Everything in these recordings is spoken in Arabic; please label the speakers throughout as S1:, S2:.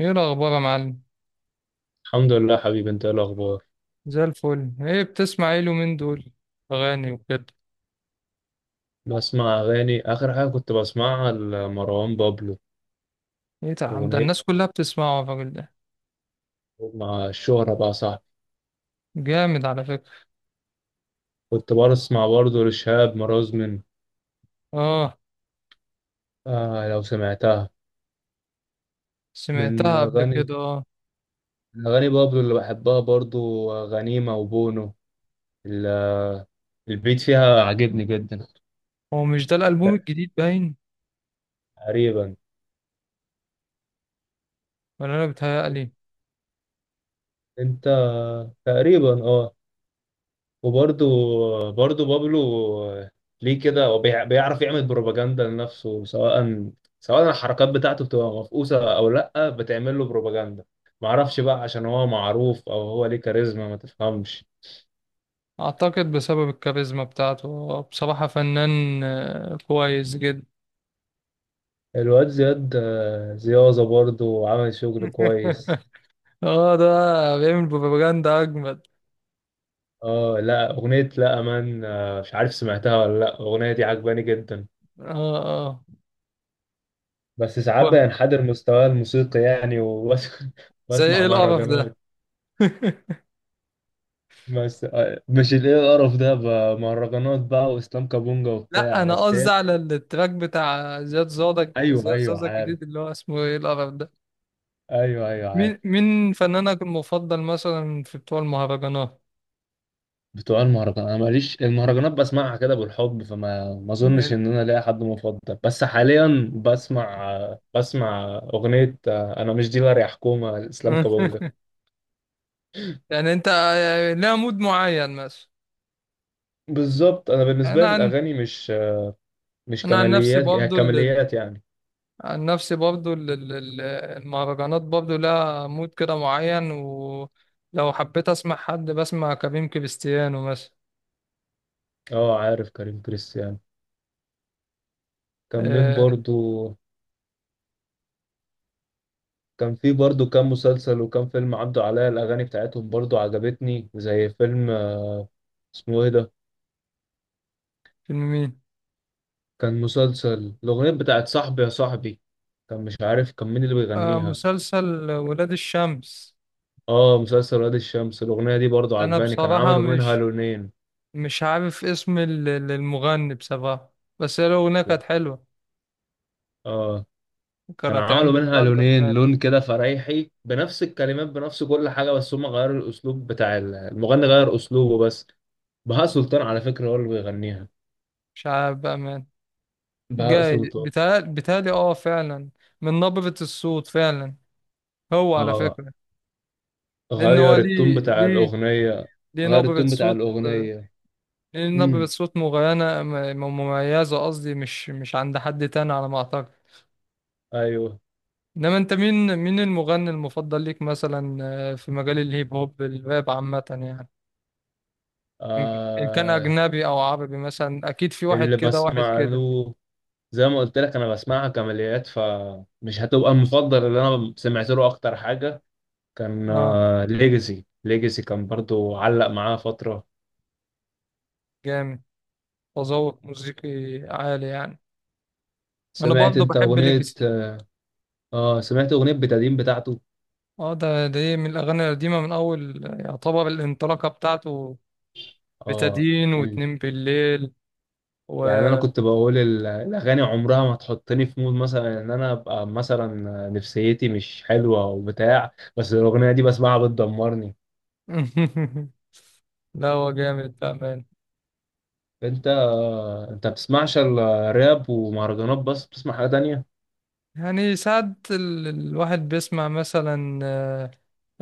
S1: ايه الاخبار يا معلم؟
S2: الحمد لله حبيبي، انت ايه الاخبار؟
S1: زي الفل. ايه بتسمع ايه اليومين دول؟ اغاني وكده.
S2: بسمع اغاني. اخر حاجه كنت بسمعها لمروان بابلو
S1: ايه ده؟ عم، ده
S2: اغنيه
S1: الناس كلها بتسمعه الراجل ده.
S2: مع الشهره بقى صاحبي.
S1: جامد على فكرة.
S2: كنت بسمع برضه لشهاب مرازمن.
S1: اه،
S2: آه لو سمعتها. من
S1: سمعتها قبل
S2: اغاني
S1: كده اه.
S2: من اغاني بابلو اللي بحبها برضه غنيمه وبونو. ال- البيت فيها عاجبني جدا.
S1: هو مش ده الالبوم
S2: لا،
S1: الجديد باين؟
S2: تقريبا.
S1: ولا انا بتهيألي.
S2: انت، تقريبا اه. وبرضه بابلو ليه كده؟ هو بيعرف يعمل بروباجندا لنفسه، سواء الحركات بتاعته بتبقى مفقوسة أو لأ بتعمل له بروباجندا. معرفش بقى عشان هو معروف أو هو ليه كاريزما ما تفهمش.
S1: اعتقد بسبب الكاريزما بتاعته، هو بصراحة فنان كويس جدا.
S2: الواد زياد، زيازة برضه عمل شغل كويس.
S1: اه، ده بيعمل بروباجندا اجمد.
S2: اه لا، أغنية لا أمان، مش عارف سمعتها ولا لأ، الأغنية دي عجباني جدا.
S1: اه
S2: بس ساعات
S1: اه،
S2: بينحدر مستواه الموسيقي يعني
S1: زي
S2: وبسمع
S1: ايه القرف
S2: مهرجانات.
S1: ده.
S2: بس آه، مش الايه القرف ده بقى، مهرجانات بقى واسلام كابونجا
S1: لا،
S2: وبتاع
S1: انا
S2: بس
S1: قصدي
S2: هي.
S1: على التراك بتاع زياد زوزة،
S2: ايوه
S1: زياد
S2: ايوه
S1: زوزة
S2: عارف.
S1: الجديد اللي هو اسمه ايه القرف ده.
S2: ايوه ايوه
S1: مين
S2: عارف.
S1: مين فنانك المفضل مثلا في بتوع المهرجانات؟
S2: بتوع المهرجان انا ماليش، المهرجانات بسمعها كده بالحب، فما ما اظنش ان انا ليا حد مفضل. بس حاليا بسمع، بسمع اغنيه، انا مش ديلر يا حكومه لاسلام كابونجا.
S1: يعني انت لها مود معين مثلا؟
S2: بالظبط. انا
S1: انا
S2: بالنسبه لي
S1: عن
S2: الاغاني مش مش
S1: انا عن نفسي
S2: كماليات يعني،
S1: برضو
S2: كماليات يعني.
S1: عن نفسي برضو المهرجانات برضو لها مود كده معين، ولو حبيت اسمع حد بسمع كريم كريستيانو مثلا.
S2: اه عارف كريم كريستيانو. كان مين
S1: آه،
S2: برضو؟ كان في برضو كام مسلسل وكام فيلم عدوا عليا الأغاني بتاعتهم برضو عجبتني، زي فيلم، اسمه إيه ده؟
S1: فيلم مين؟
S2: كان مسلسل الأغنية بتاعت صاحبي يا صاحبي، كان مش عارف كان مين اللي بيغنيها.
S1: مسلسل ولاد الشمس.
S2: آه مسلسل وادي الشمس، الأغنية دي برضو
S1: انا
S2: عجباني، كان
S1: بصراحة
S2: عملوا منها لونين.
S1: مش عارف اسم المغني بصراحة، بس هي الأغنية
S2: و-
S1: كانت حلوة.
S2: آه، كان
S1: كانت
S2: عملوا
S1: عملت
S2: منها
S1: ضجة
S2: لونين،
S1: فعلا.
S2: لون كده فريحي بنفس الكلمات بنفس كل حاجة، بس هم غيروا الأسلوب بتاع المغني، غير أسلوبه بس. بهاء سلطان على فكرة هو اللي بيغنيها.
S1: مش عارف بقى مان.
S2: بهاء
S1: جاي
S2: سلطان.
S1: بيتهيألي، اه فعلا. من نبرة الصوت فعلا. هو على
S2: اه
S1: فكرة، لأن هو
S2: غير التون بتاع
S1: ليه
S2: الأغنية.
S1: ليه
S2: غير
S1: نبرة
S2: التون بتاع
S1: صوت
S2: الأغنية.
S1: ليه نبرة
S2: امم
S1: صوت مغيرة، مميزة قصدي، مش عند حد تاني على ما أعتقد.
S2: أيوه.
S1: إنما أنت مين المغني المفضل ليك مثلا؟ في مجال الهيب هوب الراب عامة يعني. إن كان
S2: آه
S1: أجنبي أو عربي، مثلا أكيد في واحد
S2: اللي
S1: كده واحد
S2: بسمع
S1: كده.
S2: له، زي ما قلت لك أنا بسمعها كماليات فمش هتبقى المفضل. اللي أنا سمعت له أكتر حاجة كان
S1: أه
S2: آه ليجاسي، ليجاسي كان برضو علق معاه فترة.
S1: جامد. تذوق موسيقي عالي يعني. أنا
S2: سمعت
S1: برضه
S2: أنت
S1: بحب
S2: أغنية،
S1: ليجاسي.
S2: آه سمعت أغنية بتادين بتاعته؟
S1: أه ده، إيه، من الأغاني القديمة، من أول يعتبر الانطلاقة بتاعته.
S2: آه.
S1: بتدين واتنين بالليل و...
S2: يعني انا كنت بقول الاغاني عمرها ما تحطني في مود، مثلا ان انا ابقى مثلا نفسيتي مش حلوه او بتاع، بس الاغنيه دي بسمعها بتدمرني.
S1: لا هو جامد بأمانة.
S2: انت، انت بتسمعش الراب ومهرجانات بس؟ بتسمع حاجه تانية؟
S1: يعني ساعات الواحد بيسمع مثلا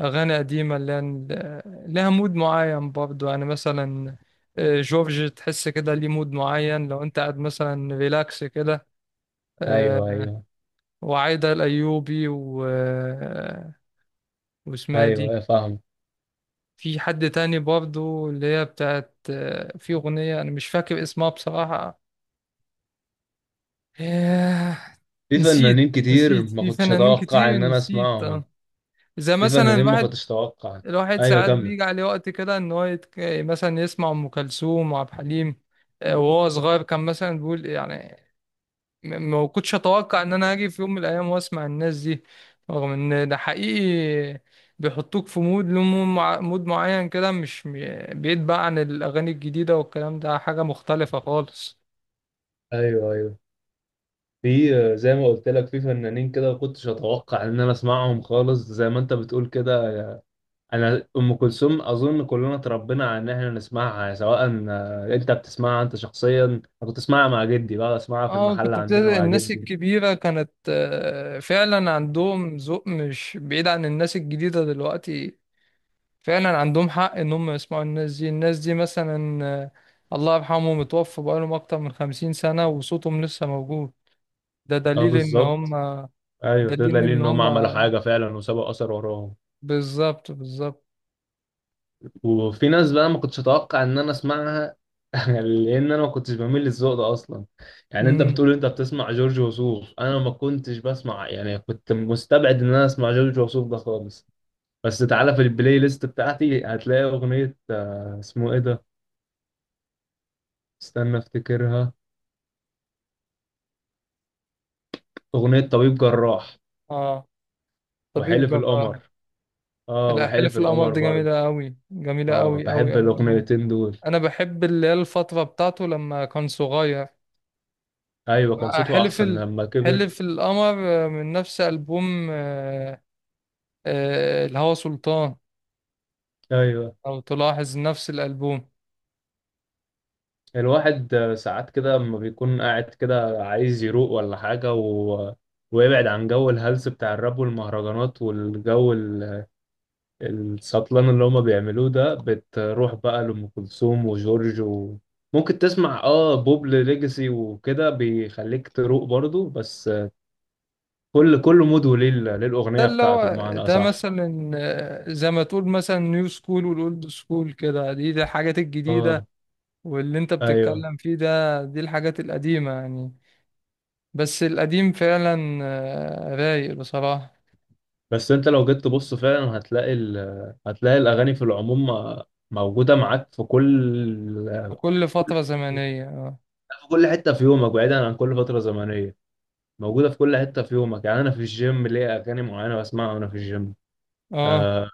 S1: أغاني قديمة لها مود معين برضو يعني. مثلا جورج، تحس كده ليه مود معين لو أنت قاعد مثلا ريلاكس كده.
S2: ايوه
S1: آه،
S2: ايوه.
S1: وعايدة الأيوبي و واسمها
S2: ايوه
S1: دي.
S2: ايوه فاهم.
S1: في حد تاني برضو اللي هي بتاعت في أغنية أنا مش فاكر اسمها بصراحة. آه،
S2: في
S1: نسيت،
S2: فنانين كتير ما
S1: في
S2: كنتش
S1: فنانين
S2: اتوقع
S1: كتير
S2: ان انا
S1: نسيت
S2: اسمعهم.
S1: اه. زي
S2: في
S1: مثلا
S2: فنانين ما
S1: الواحد،
S2: كنتش اتوقع. ايوه
S1: ساعات
S2: كمل.
S1: بيجي عليه وقت كده ان هو مثلا يسمع ام كلثوم وعبد الحليم. وهو صغير كان مثلا بيقول يعني، ما كنتش اتوقع ان انا هاجي في يوم من الايام واسمع الناس دي. رغم ان ده حقيقي، بيحطوك في مود له مود معين كده، مش م- بعيد بقى عن الاغاني الجديده والكلام ده، حاجه مختلفه خالص.
S2: ايوه ايوه، في زي ما قلت لك في فنانين كده ما كنتش اتوقع ان انا اسمعهم خالص، زي ما انت بتقول كده. انا ام كلثوم اظن كلنا اتربينا على ان احنا نسمعها، سواء آه، انت بتسمعها انت شخصيا، انا كنت اسمعها مع جدي بقى، اسمعها في
S1: اه،
S2: المحل
S1: كنت
S2: عندنا
S1: بتلاقي
S2: مع
S1: الناس
S2: جدي.
S1: الكبيرة كانت فعلا عندهم ذوق مش بعيد عن الناس الجديدة دلوقتي. فعلا عندهم حق ان هم يسمعوا الناس دي. الناس دي مثلا الله يرحمه، متوفى بقالهم اكتر من 50 سنة وصوتهم لسه موجود. ده
S2: اه بالظبط. ايوه ده
S1: دليل
S2: دليل
S1: ان
S2: ان هم
S1: هم،
S2: عملوا حاجه فعلا وسابوا اثر وراهم.
S1: بالظبط بالظبط.
S2: وفي ناس بقى ما كنتش اتوقع ان انا اسمعها، لان انا ما كنتش بميل للذوق ده اصلا. يعني انت
S1: امم
S2: بتقول انت بتسمع جورج وسوف، انا ما كنتش بسمع يعني، كنت مستبعد ان انا اسمع جورج وسوف ده خالص. بس تعالى في البلاي ليست بتاعتي هتلاقي اغنيه، آه، اسمه ايه ده؟ استنى افتكرها. اغنية طبيب جراح
S1: اه طبيب
S2: وحلف
S1: جبار.
S2: القمر. اه
S1: الأحلف
S2: وحلف
S1: في القمر
S2: القمر
S1: دي
S2: برضه.
S1: جميلة قوي، جميلة
S2: اه
S1: قوي قوي
S2: بحب
S1: قوي قوي.
S2: الاغنيتين دول.
S1: انا بحب اللي هي الفترة بتاعته لما كان صغير.
S2: ايوه كان
S1: بقى
S2: صوته
S1: حلف
S2: احسن لما كبر.
S1: حلف القمر. من نفس ألبوم الهوى سلطان.
S2: ايوه
S1: لو تلاحظ نفس الألبوم.
S2: الواحد آه، ساعات كده لما بيكون قاعد كده عايز يروق ولا حاجة، و... ويبعد عن جو الهلس بتاع الراب والمهرجانات والجو السطلان اللي هما بيعملوه ده، بتروح بقى لأم كلثوم وجورج، و... ممكن تسمع اه بوب ليجاسي وكده بيخليك تروق برضه. بس كل مود وليه ليه
S1: ده
S2: الأغنية
S1: اللي
S2: بتاعته
S1: هو
S2: بمعنى
S1: ده
S2: أصح.
S1: مثلا زي ما تقول مثلا نيو سكول والأولد سكول كده. دي الحاجات الجديدة،
S2: اه.
S1: واللي انت
S2: ايوه
S1: بتتكلم فيه ده دي الحاجات القديمة يعني. بس القديم فعلا رايق بصراحة.
S2: بس انت لو جيت تبص فعلا هتلاقي هتلاقي الأغاني في العموم موجودة معاك في كل،
S1: في كل فترة زمنية.
S2: في كل حتة في يومك، بعيدا عن كل فترة زمنية. موجودة في كل حتة في يومك. يعني أنا في الجيم ليا أغاني معينة بسمعها وأنا في الجيم.
S1: اه،
S2: آه،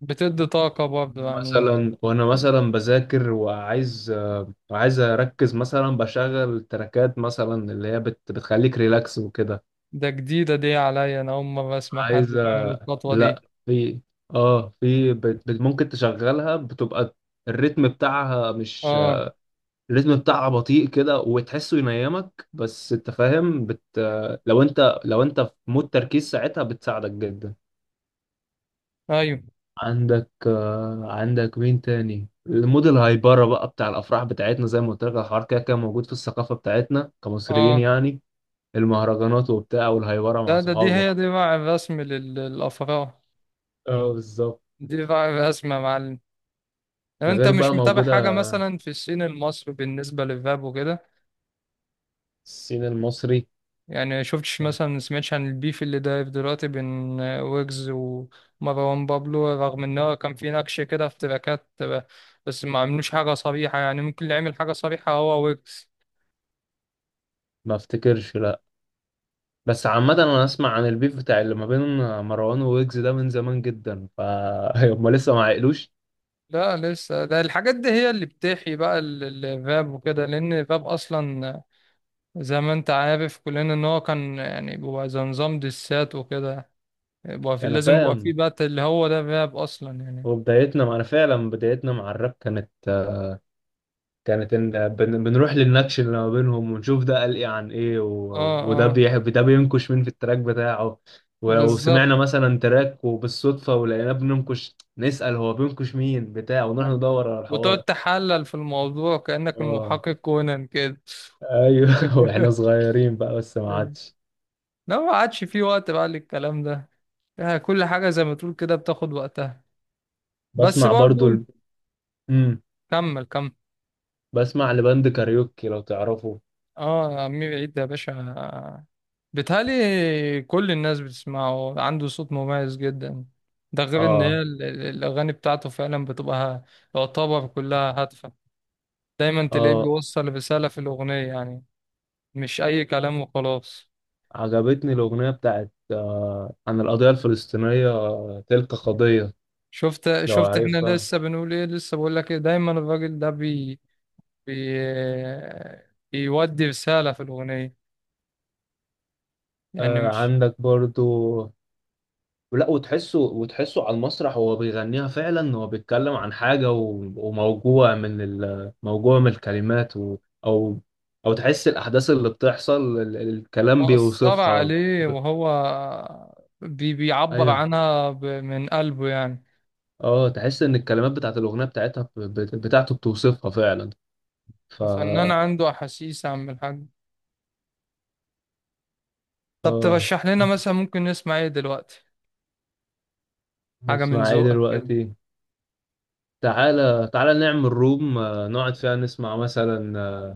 S1: بتدي طاقة برضه يعني.
S2: مثلا وأنا مثلا بذاكر وعايز آه عايز أركز مثلا بشغل تراكات مثلا اللي هي بتخليك ريلاكس وكده.
S1: ده جديدة دي عليا، أنا أول مرة أسمع حد
S2: عايزة،
S1: بيعمل الخطوة دي.
S2: لا في، اه في ممكن تشغلها، بتبقى الريتم بتاعها مش،
S1: اه.
S2: الريتم بتاعها بطيء كده وتحسه ينيمك، بس انت فاهم بت، لو انت لو انت في مود تركيز ساعتها بتساعدك جدا.
S1: أيوه.
S2: عندك آه، عندك مين تاني؟ المود الهايبرة بقى بتاع الأفراح بتاعتنا، زي ما قلت لك الحوار كده كده موجود في الثقافة بتاعتنا كمصريين
S1: اه
S2: يعني. المهرجانات وبتاع والهايبرة
S1: ده،
S2: مع
S1: دي هي
S2: صحابك.
S1: دي بقى الرسم للأفراح.
S2: اه بالظبط.
S1: دي بقى الرسمة يا معلم. لو
S2: ده
S1: انت
S2: غير
S1: مش
S2: بقى
S1: متابع
S2: موجودة
S1: حاجة مثلا في الصين المصري بالنسبة للفاب وكده.
S2: السين المصري.
S1: يعني شفتش
S2: ما
S1: مثلا، سمعتش عن البيف اللي دايف دلوقتي بين ويجز ومروان بابلو؟ رغم ان هو كان في نكش كده في تراكات، بس ما عملوش حاجة صريحة يعني. ممكن اللي عمل حاجة صريحة هو ويجز.
S2: افتكرش لا. بس عامة انا اسمع عن البيف بتاع اللي ما بين مروان وويجز ده من زمان جدا، ف هما لسه ما عقلوش.
S1: لا لسه، ده الحاجات دي هي اللي بتحيي بقى الراب وكده. لان الراب اصلا زي ما انت عارف كلنا ان هو كان يعني بيبقى زي نظام دسات وكده. يبقى في،
S2: انا
S1: لازم يبقى في
S2: فاهم.
S1: بقى اللي هو ده الراب اصلا يعني.
S2: وبدايتنا مع، انا فعلا بدايتنا مع الراب كانت، كانت ان بنروح للنكش اللي ما بينهم ونشوف ده قال ايه عن ايه، و...
S1: اه
S2: وده
S1: اه
S2: بيحب ده بينكش مين في التراك بتاعه. ولو
S1: بالظبط.
S2: سمعنا مثلا تراك وبالصدفة ولقيناه بننكش، نسأل هو بينكش مين بتاع، ونروح ندور على
S1: وتقعد
S2: الحوار.
S1: تحلل في الموضوع كأنك
S2: اه.
S1: المحقق كونان كده.
S2: ايوه واحنا صغيرين بقى، بس ما عادش.
S1: لا ما عادش في وقت بقى للكلام ده. يعني كل حاجة زي ما تقول كده بتاخد وقتها. بس
S2: بسمع برضو
S1: برضو
S2: مم.
S1: كمل كمل.
S2: بسمع لبند كاريوكي لو تعرفه.
S1: اه يا عمي بعيد يا باشا، بيتهيألي كل الناس بتسمعه. عنده صوت مميز جدا. ده غير ان
S2: اه
S1: هي الاغاني بتاعته فعلا بتبقى يعتبر كلها هادفة. دايما تلاقيه
S2: اه.
S1: بيوصل رسالة في الاغنية يعني، مش اي كلام وخلاص.
S2: عجبتني الأغنية بتاعت آه عن القضية الفلسطينية، آه، تلك قضية، لو
S1: شفت احنا
S2: عارفها.
S1: لسه بنقول ايه، لسه بقول لك ايه، دايما الراجل ده بي بي بيودي رسالة في الأغنية. يعني
S2: آه
S1: مش
S2: عندك برضو. لا وتحسه، وتحسه على المسرح وهو بيغنيها فعلا هو بيتكلم عن حاجة، و... وموجوع من موجوع من الكلمات، و... أو أو تحس الأحداث اللي بتحصل الكلام
S1: مقصر
S2: بيوصفها
S1: عليه.
S2: ب.
S1: وهو بيعبر
S2: أيوه.
S1: عنها من قلبه يعني.
S2: اه تحس ان الكلمات بتاعت الاغنيه بتاعتها بتاعته بتوصفها فعلا. ف
S1: فنان عنده أحاسيس يا عم الحاج. طب
S2: اه،
S1: ترشح لنا مثلا ممكن نسمع ايه دلوقتي؟ حاجة من
S2: نسمع ايه
S1: ذوقك كده.
S2: دلوقتي؟ تعالى تعالى نعمل روم، آه، نقعد فيها نسمع مثلا آه،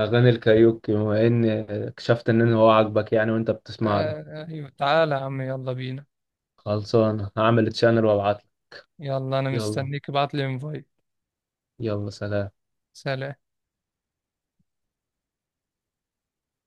S2: اغاني الكاريوكي، بما ان آه، اكتشفت ان هو عاجبك يعني وانت بتسمع له.
S1: ايوه، تعالى يا عم يلا بينا.
S2: خلصان هعمل تشانل وابعت لك.
S1: يلا انا
S2: يلا.
S1: مستنيك، ابعت لي انفايت.
S2: يلا، سلام.
S1: سلام.